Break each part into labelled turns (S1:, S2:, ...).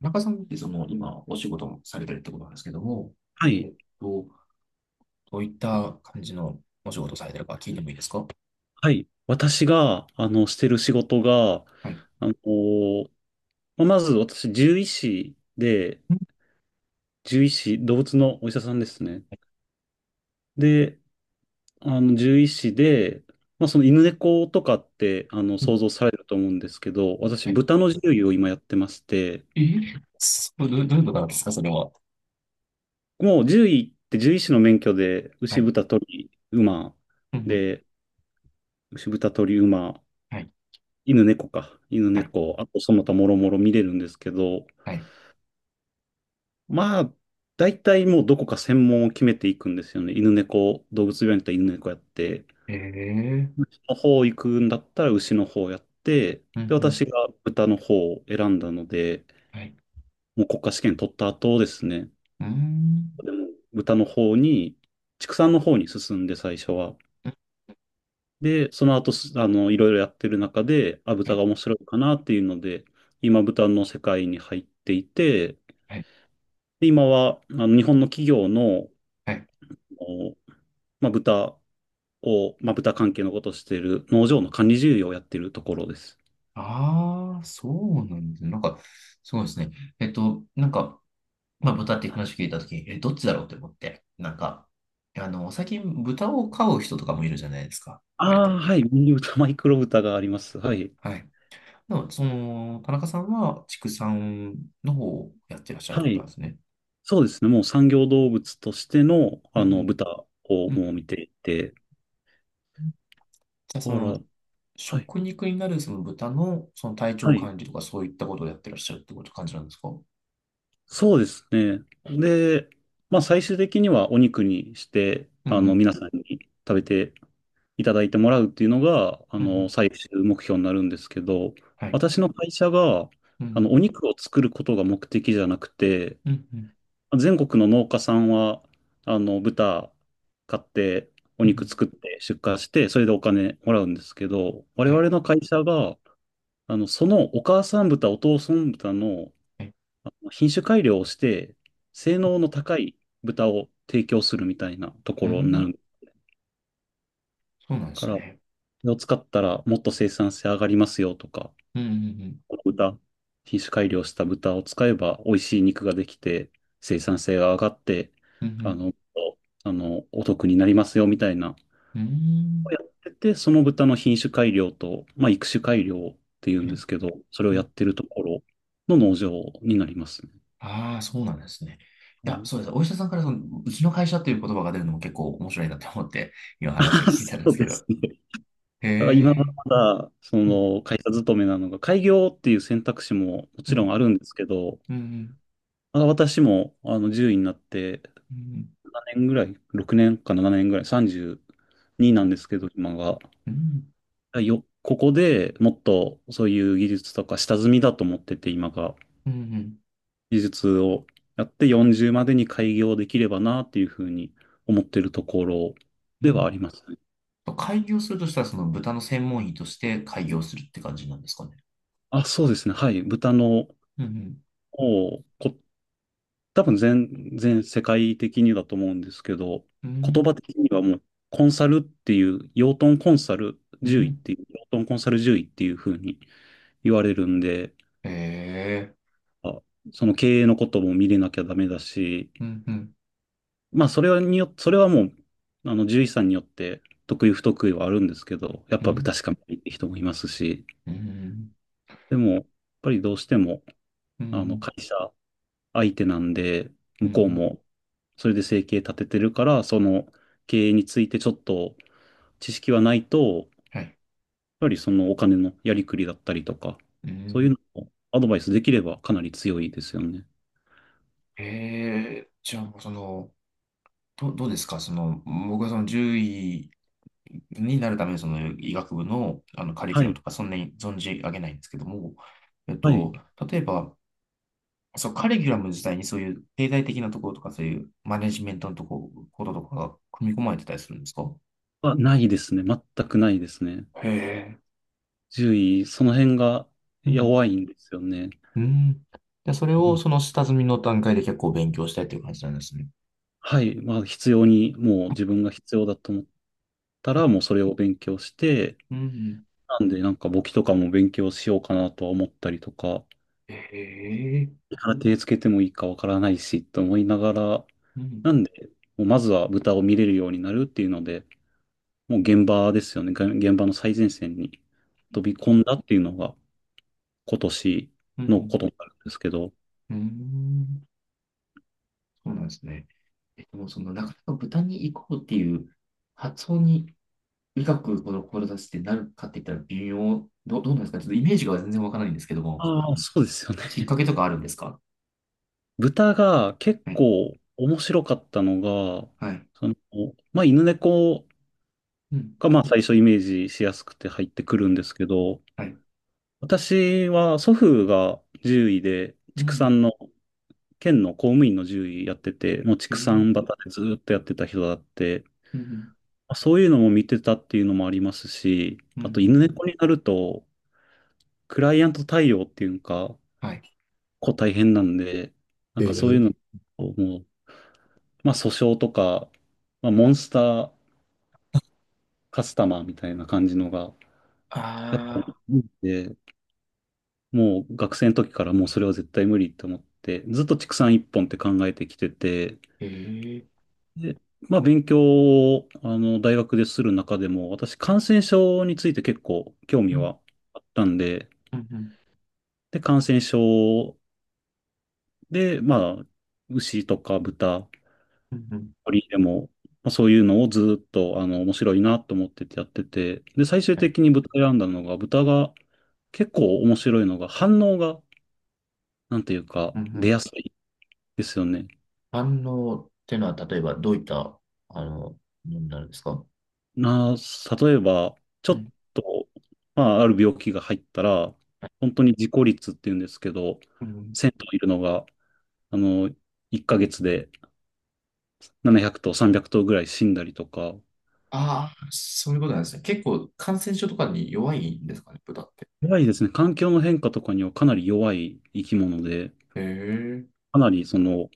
S1: 中さんってその今お仕事もされてるってことなんですけども、
S2: は
S1: え
S2: い。
S1: っと、どういった感じのお仕事をされてるか聞いてもいいですか？
S2: はい。私が、してる仕事が、
S1: はい。う
S2: あの、まあまず私、獣医師で、
S1: ん
S2: 獣医師、動物のお医者さんですね。で、獣医師で、まあ、その犬猫とかって、
S1: うん。
S2: 想像されると思うんですけど、私、
S1: はい。
S2: 豚の獣医を今やってまして、
S1: え、そう、どういうことなんですか、それは。
S2: もう獣医って獣医師の免許で、
S1: は
S2: 牛、
S1: い。
S2: 豚、鳥、馬、
S1: うんうん。
S2: で、牛、豚、鳥、馬、
S1: はい。
S2: 犬、猫か。犬、
S1: はい。
S2: 猫、あとその他もろもろ見れるんですけど、
S1: はい。
S2: まあ、大体もうどこか専門を決めていくんですよね。犬猫、動物病院だったら犬猫やって、
S1: ええ。
S2: 牛の方行くんだったら牛の方やって、
S1: う
S2: で、
S1: んうん。
S2: 私が豚の方を選んだので、
S1: はい。
S2: もう国家試験取った後ですね、
S1: うーん。
S2: 豚の方に、畜産の方に進んで最初は。
S1: うん。
S2: で、その後す、いろいろやってる中で、あ、
S1: は
S2: 豚
S1: い。
S2: が面白いかなっていうので、今豚の世界に入っていて、
S1: はい。
S2: で今は、日本の企業の、
S1: はい。
S2: おまあ、豚を、まあ、豚関係のことをしている農場の管理事業をやっているところです。
S1: ああ、そうなんですね。なんか、そうですね。なんか、まあ、豚っていう話を聞いたときに、え、どっちだろうって思って、なんか、最近豚を飼う人とかもいるじゃないですか。
S2: あ
S1: 割と。
S2: あ、はい。ミニ豚、マイクロ豚があります。はい。
S1: はい。でも、その、田中さんは畜産の方をやってらっしゃるって
S2: は
S1: ことな
S2: い。
S1: んですね。
S2: そうですね。もう産業動物としての、
S1: うん
S2: 豚を
S1: うん。う
S2: も
S1: ん。
S2: う見ていて。
S1: じゃあ、そ
S2: あら、
S1: の、
S2: はい。
S1: 食肉になるその豚のその体
S2: は
S1: 調
S2: い。
S1: 管理とかそういったことをやってらっしゃるってこと感じなんですか？うん。
S2: そうですね。で、まあ、最終的にはお肉にして、
S1: うん。
S2: 皆さんに食べていただいてもらうっていうのが、
S1: うんうん。
S2: 最終目標になるんですけど、
S1: はい。
S2: 私の会社が、
S1: うん。
S2: お肉を作ることが目的じゃなくて、
S1: うんうん。
S2: 全国の農家さんは、豚買って、お
S1: うんう
S2: 肉
S1: ん。
S2: 作って出荷して、それでお金もらうんですけど、我
S1: はい。
S2: 々の会社が、そのお母さん豚、お父さん豚の
S1: はい。
S2: 品種改良をして、性能の高い豚を提供するみたいなと
S1: う
S2: ころにな
S1: ん。
S2: る
S1: そうなんで
S2: か
S1: す
S2: ら、そ
S1: ね。
S2: れを使ったらもっと生産性上がりますよとか、
S1: うんうん。
S2: 豚、品種改良した豚を使えば美味しい肉ができて、生産性が上がって、
S1: うん。う
S2: あ
S1: ん
S2: の、お得になりますよみたいな、
S1: うん。
S2: やってて、その豚の品種改良と、まあ、育種改良っていう
S1: う
S2: んです
S1: ん。
S2: けど、それをやっ
S1: ん。
S2: てるところの農場になりますね。
S1: ああー、そうなんですね。
S2: う
S1: いや、
S2: ん
S1: そうです。お医者さんからその、うちの会社という言葉が出るのも結構面白いなって思って、今話を聞いたん で
S2: そ
S1: す
S2: う
S1: け
S2: で
S1: ど。
S2: すね。
S1: へ
S2: だから今は
S1: え。
S2: まだ、そ
S1: うん、
S2: の会社勤めなのが、開業っていう選択肢もも
S1: う
S2: ちろん
S1: ん、
S2: あるんですけど、
S1: うん、
S2: まあ私もあの獣医になって、
S1: うん、
S2: 年ぐらい、6年か7年ぐらい、32
S1: う
S2: なんですけど、今が。
S1: ん、
S2: ここでもっとそういう技術とか下積みだと思ってて、今が。
S1: うん、
S2: 技術をやって40までに開業できればなっていうふうに思ってるところ
S1: う
S2: では
S1: ん。
S2: ありますね。
S1: と開業するとしたら、その豚の専門医として開業するって感じなんですかね。
S2: あ、そうですね。はい。豚の
S1: うん、
S2: をこ多分全世界的にだと思うんですけど、
S1: う
S2: 言
S1: ん、
S2: 葉的にはもうコンサルっていう、養豚コンサル
S1: う
S2: 獣医っ
S1: ん。
S2: ていう、養豚コンサル獣医っていう風に言われるんで、
S1: へえ。
S2: あその経営のことも見れなきゃダメだし、
S1: うん、うん、
S2: まあそれはもう、あの獣医さんによって得意不得意はあるんですけど、やっ
S1: う
S2: ぱ豚
S1: ん、
S2: しか見ないって人もいますし、
S1: うん、
S2: でも、やっぱりどうしても、
S1: うん、う
S2: あの
S1: ん。
S2: 会社相手なんで、
S1: う
S2: 向こう
S1: ん。
S2: もそれで生計立ててるから、その経営についてちょっと知識はないと、やっ
S1: はい。
S2: ぱりそのお金のやりくりだったりとか、
S1: う
S2: そういう
S1: ん。
S2: のをアドバイスできればかなり強いですよね。
S1: へえ、じゃあもうその、どうですかその、僕はその獣医になるためにその医学部の、あのカリキ
S2: は
S1: ュラム
S2: い。
S1: とかそんなに存じ上げないんですけども、えっ
S2: はい。
S1: と、例えば、そう、カリキュラム自体にそういう経済的なところとかそういうマネジメントのこととかが組み込まれてたりするんですか？
S2: ないですね。全くないですね。
S1: へえ。
S2: 獣医、その辺が
S1: うん。
S2: 弱いんですよね。
S1: うん。で、それを
S2: に
S1: その下積みの段階で結構勉強したいという感じなんですね。
S2: はい。まあ、必要に、もう自分が必要だと思ったら、もうそれを勉強して、
S1: うん。
S2: なんで、なんか簿記とかも勉強しようかなとは思ったりとか、
S1: へえ。
S2: から手つけてもいいかわからないし、と思いながら、
S1: うん。
S2: なんで、もうまずは豚を見れるようになるっていうので、もう現場ですよね。が現場の最前線に飛び込んだっていうのが今年
S1: う
S2: のこ
S1: ん。
S2: とになるんですけど、
S1: うん。うん。そうなんですね。もうその、なかなか豚に行こうっていう発想に医学ほど志してなるかって言ったら微妙、どうなんですかちょっとイメージが全然わからないんですけども、
S2: ああ、そうですよね。
S1: きっかけと かあるんですか？
S2: 豚が結
S1: はい。
S2: 構面白かったのが、
S1: はい。
S2: その、まあ、犬猫
S1: うん。
S2: がまあ最初イメージしやすくて入ってくるんですけど、
S1: はい。
S2: 私は祖父が獣医で
S1: う
S2: 畜
S1: ん。
S2: 産の県の公務員の獣医やってて、もう
S1: え
S2: 畜
S1: ー。
S2: 産畑でずーっとやってた人だって、
S1: うん。
S2: まあそういうのも見てたっていうのもありますし、
S1: うん。う
S2: あと犬
S1: ん。
S2: 猫になると、クライアント対応っていうか、
S1: はい。
S2: 大変なんで、なん
S1: え
S2: かそ
S1: ー。
S2: ういうのをもう、まあ訴訟とか、まあモンスターカスタマーみたいな感じのが、やっぱ
S1: ああ、
S2: りで、もう学生の時からもうそれは絶対無理って思って、ずっと畜産一本って考えてきてて、
S1: ええ。
S2: で、まあ、勉強を、大学でする中でも、私、感染症について結構興味
S1: うん。
S2: はあったんで、
S1: うん。うん。
S2: で、感染症で、まあ、牛とか豚、
S1: うんうん。
S2: 鳥でも、まあ、そういうのをずっと、面白いなと思っててやってて、で、最終
S1: はい。
S2: 的に豚選んだのが、豚が結構面白いのが、反応が、なんていうか、
S1: うん。う
S2: 出
S1: ん。
S2: やすいですよね。
S1: 反応ってのは、例えばどういった、ものになるんですか？
S2: な、例えば、ちょ
S1: う
S2: っ
S1: ん。
S2: と、まあ、ある病気が入ったら、
S1: はい。
S2: 本当に自己率っていうんですけど、1000頭いるのが、あの、1ヶ月で700頭、300頭ぐらい死んだりとか、
S1: ああ、そういうことなんですね。結構感染症とかに弱いんですかね、豚って。
S2: 怖いですね。環境の変化とかにはかなり弱い生き物で、
S1: へえ。
S2: かなり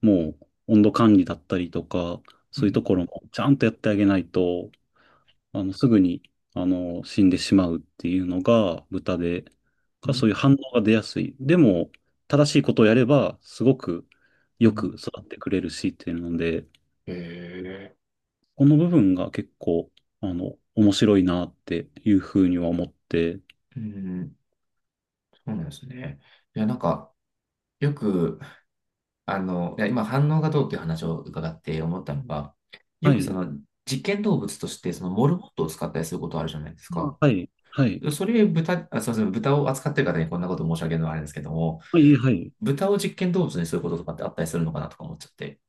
S2: もう温度管理だったりとか、
S1: う
S2: そういうと
S1: ん。
S2: ころもちゃんとやってあげないと、すぐに、死んでしまうっていうのが豚で、
S1: うん。
S2: そういう反応が出やすい。でも、正しいことをやれば、すごく
S1: う
S2: よ
S1: ん。
S2: く育ってくれるしっていうので、
S1: へえ。
S2: この部分が結構、面白いなっていうふうには思って、
S1: うん。そうなんですね。いや、なんか、よく、いや、今反応がどうっていう話を伺って思ったのが、よ
S2: は
S1: くそ
S2: い、
S1: の実験動物としてそのモルモットを使ったりすることあるじゃないです
S2: あ
S1: か。
S2: はい、はい、
S1: それ豚、あ、すみません、豚を扱ってる方にこんなこと申し上げるのはあれですけども、
S2: はい、はい。
S1: 豚を実験動物にすることとかってあったりするのかなとか思っちゃって。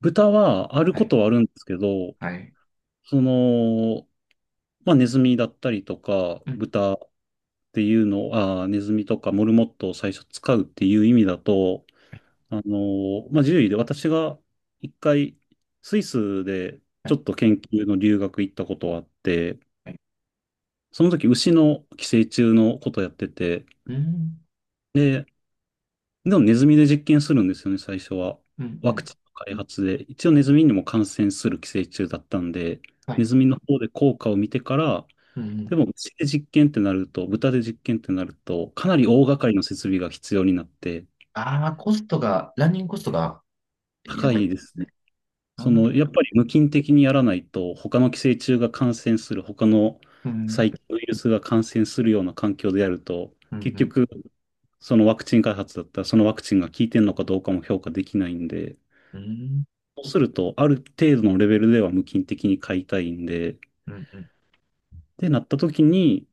S2: 豚はある
S1: は
S2: こ
S1: い。
S2: とはあるんですけど、
S1: はい。
S2: その、まあ、ネズミだったりとか、
S1: うん。
S2: 豚っていうのを、ネズミとかモルモットを最初使うっていう意味だと、
S1: はい。
S2: まあ、獣医で私が一回、スイスで
S1: は
S2: ちょ
S1: い。
S2: っと研究の留学行ったことがあって、
S1: はい。
S2: その時牛の寄生虫のことやってて、
S1: うん。
S2: で、でもネズミで実験するんですよね、最初は。
S1: うん、う
S2: ワク
S1: ん。
S2: チンの開発で。一応ネズミにも感染する寄生虫だったんで、
S1: はい。
S2: ネズミの方で効果を見てから、
S1: うん、うん。
S2: でも、牛で実験ってなると、豚で実験ってなると、かなり大掛かりの設備が必要になって、
S1: ああ、コストが、ランニングコストがや
S2: 高
S1: ばいって
S2: い
S1: こ
S2: で
S1: とで
S2: す
S1: す
S2: ね。
S1: ね。あー。
S2: やっぱり無菌的にやらないと、他の寄生虫が感染する、他の
S1: うん、
S2: 細菌ウイルスが感染するような環境でやると、
S1: うん、
S2: 結
S1: うん、
S2: 局、そのワクチン開発だったら、そのワクチンが効いてるのかどうかも評価できないんで、
S1: うん、うん、
S2: そうすると、ある程度のレベルでは無菌的に飼いたいんで、
S1: うん、うん、
S2: で、なった時に、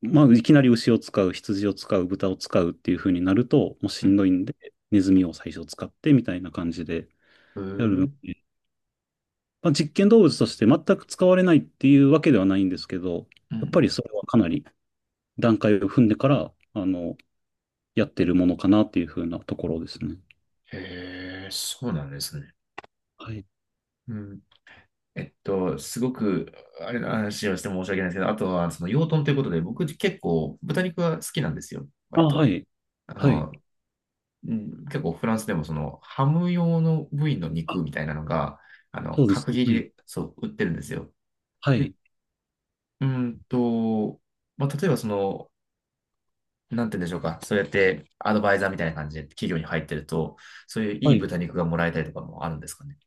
S2: まあ、いきなり牛を使う、羊を使う、豚を使うっていう風になると、もうしんどいんで、ネズミを最初使ってみたいな感じで
S1: う
S2: やるの
S1: ん。
S2: で、まあ、実験動物として全く使われないっていうわけではないんですけど、
S1: う
S2: やっぱ
S1: ん。
S2: りそれはかなり段階を踏んでから、やってるものかなっていう風なところですね。
S1: へえ、そうなんですね。
S2: はい。
S1: うん。すごく、あれの話をして申し訳ないですけど、あとは、その養豚ということで、僕結構豚肉は好きなんですよ、
S2: あ、
S1: 割
S2: は
S1: と。
S2: い。
S1: あ
S2: はい。
S1: の、うん、結構フランスでもそのハム用の部位の肉みたいなのが、
S2: そうです
S1: 角切り
S2: ね。
S1: で、そう、売ってるんですよ。
S2: はい。は
S1: で、
S2: い。
S1: うーんと、まあ、例えばその、なんて言うんでしょうか。そうやってアドバイザーみたいな感じで企業に入ってると、そういうい
S2: は
S1: い
S2: い
S1: 豚肉がもらえたりとかもあるんですかね。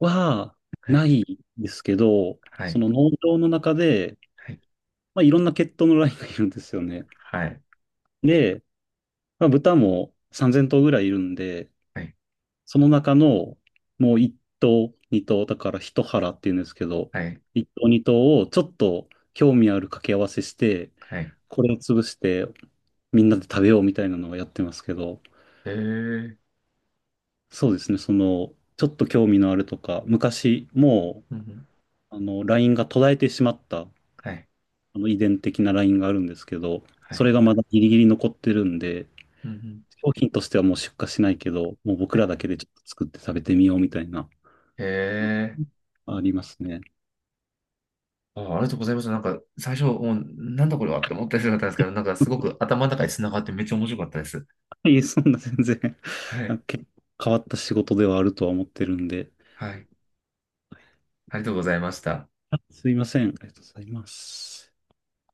S2: は、
S1: はい。
S2: ないですけど、
S1: はい。
S2: その農場の中で、
S1: はい。
S2: まあ、いろんな血統のラインがいるんですよね。
S1: はい。
S2: で、まあ、豚も3000頭ぐらいいるんで、
S1: はい。
S2: その中のもう一頭、二頭、だから一腹っていうんですけど、
S1: はい。
S2: 一頭、二頭をちょっと興味ある掛け合わせして、
S1: はい。
S2: これを潰してみんなで食べようみたいなのをやってますけど、
S1: へえ。
S2: そうですね、ちょっと興味のあるとか、昔も
S1: うんうん。
S2: う、ラインが途絶えてしまった、あ
S1: はい。
S2: の遺伝的なラインがあるんですけど、
S1: は
S2: そ
S1: い。
S2: れがまだギリギリ残ってるんで、
S1: うんうん。
S2: 商品としてはもう出荷しないけど、もう僕
S1: はい。
S2: らだけでちょっと作って食べてみようみたいな
S1: へえ。
S2: ありますね。
S1: あ、ありがとうございました。なんか、最初、もう、なんだこれはって思ったりするったんですけど、な んか、すごく頭の中に繋がってめっちゃ面白かったです。
S2: いえ、そんな全然
S1: は
S2: あ
S1: い。
S2: 結構変わった仕事ではあるとは思ってるんで。
S1: はい。ありがとうございました。
S2: あすいません。ありがとうございます。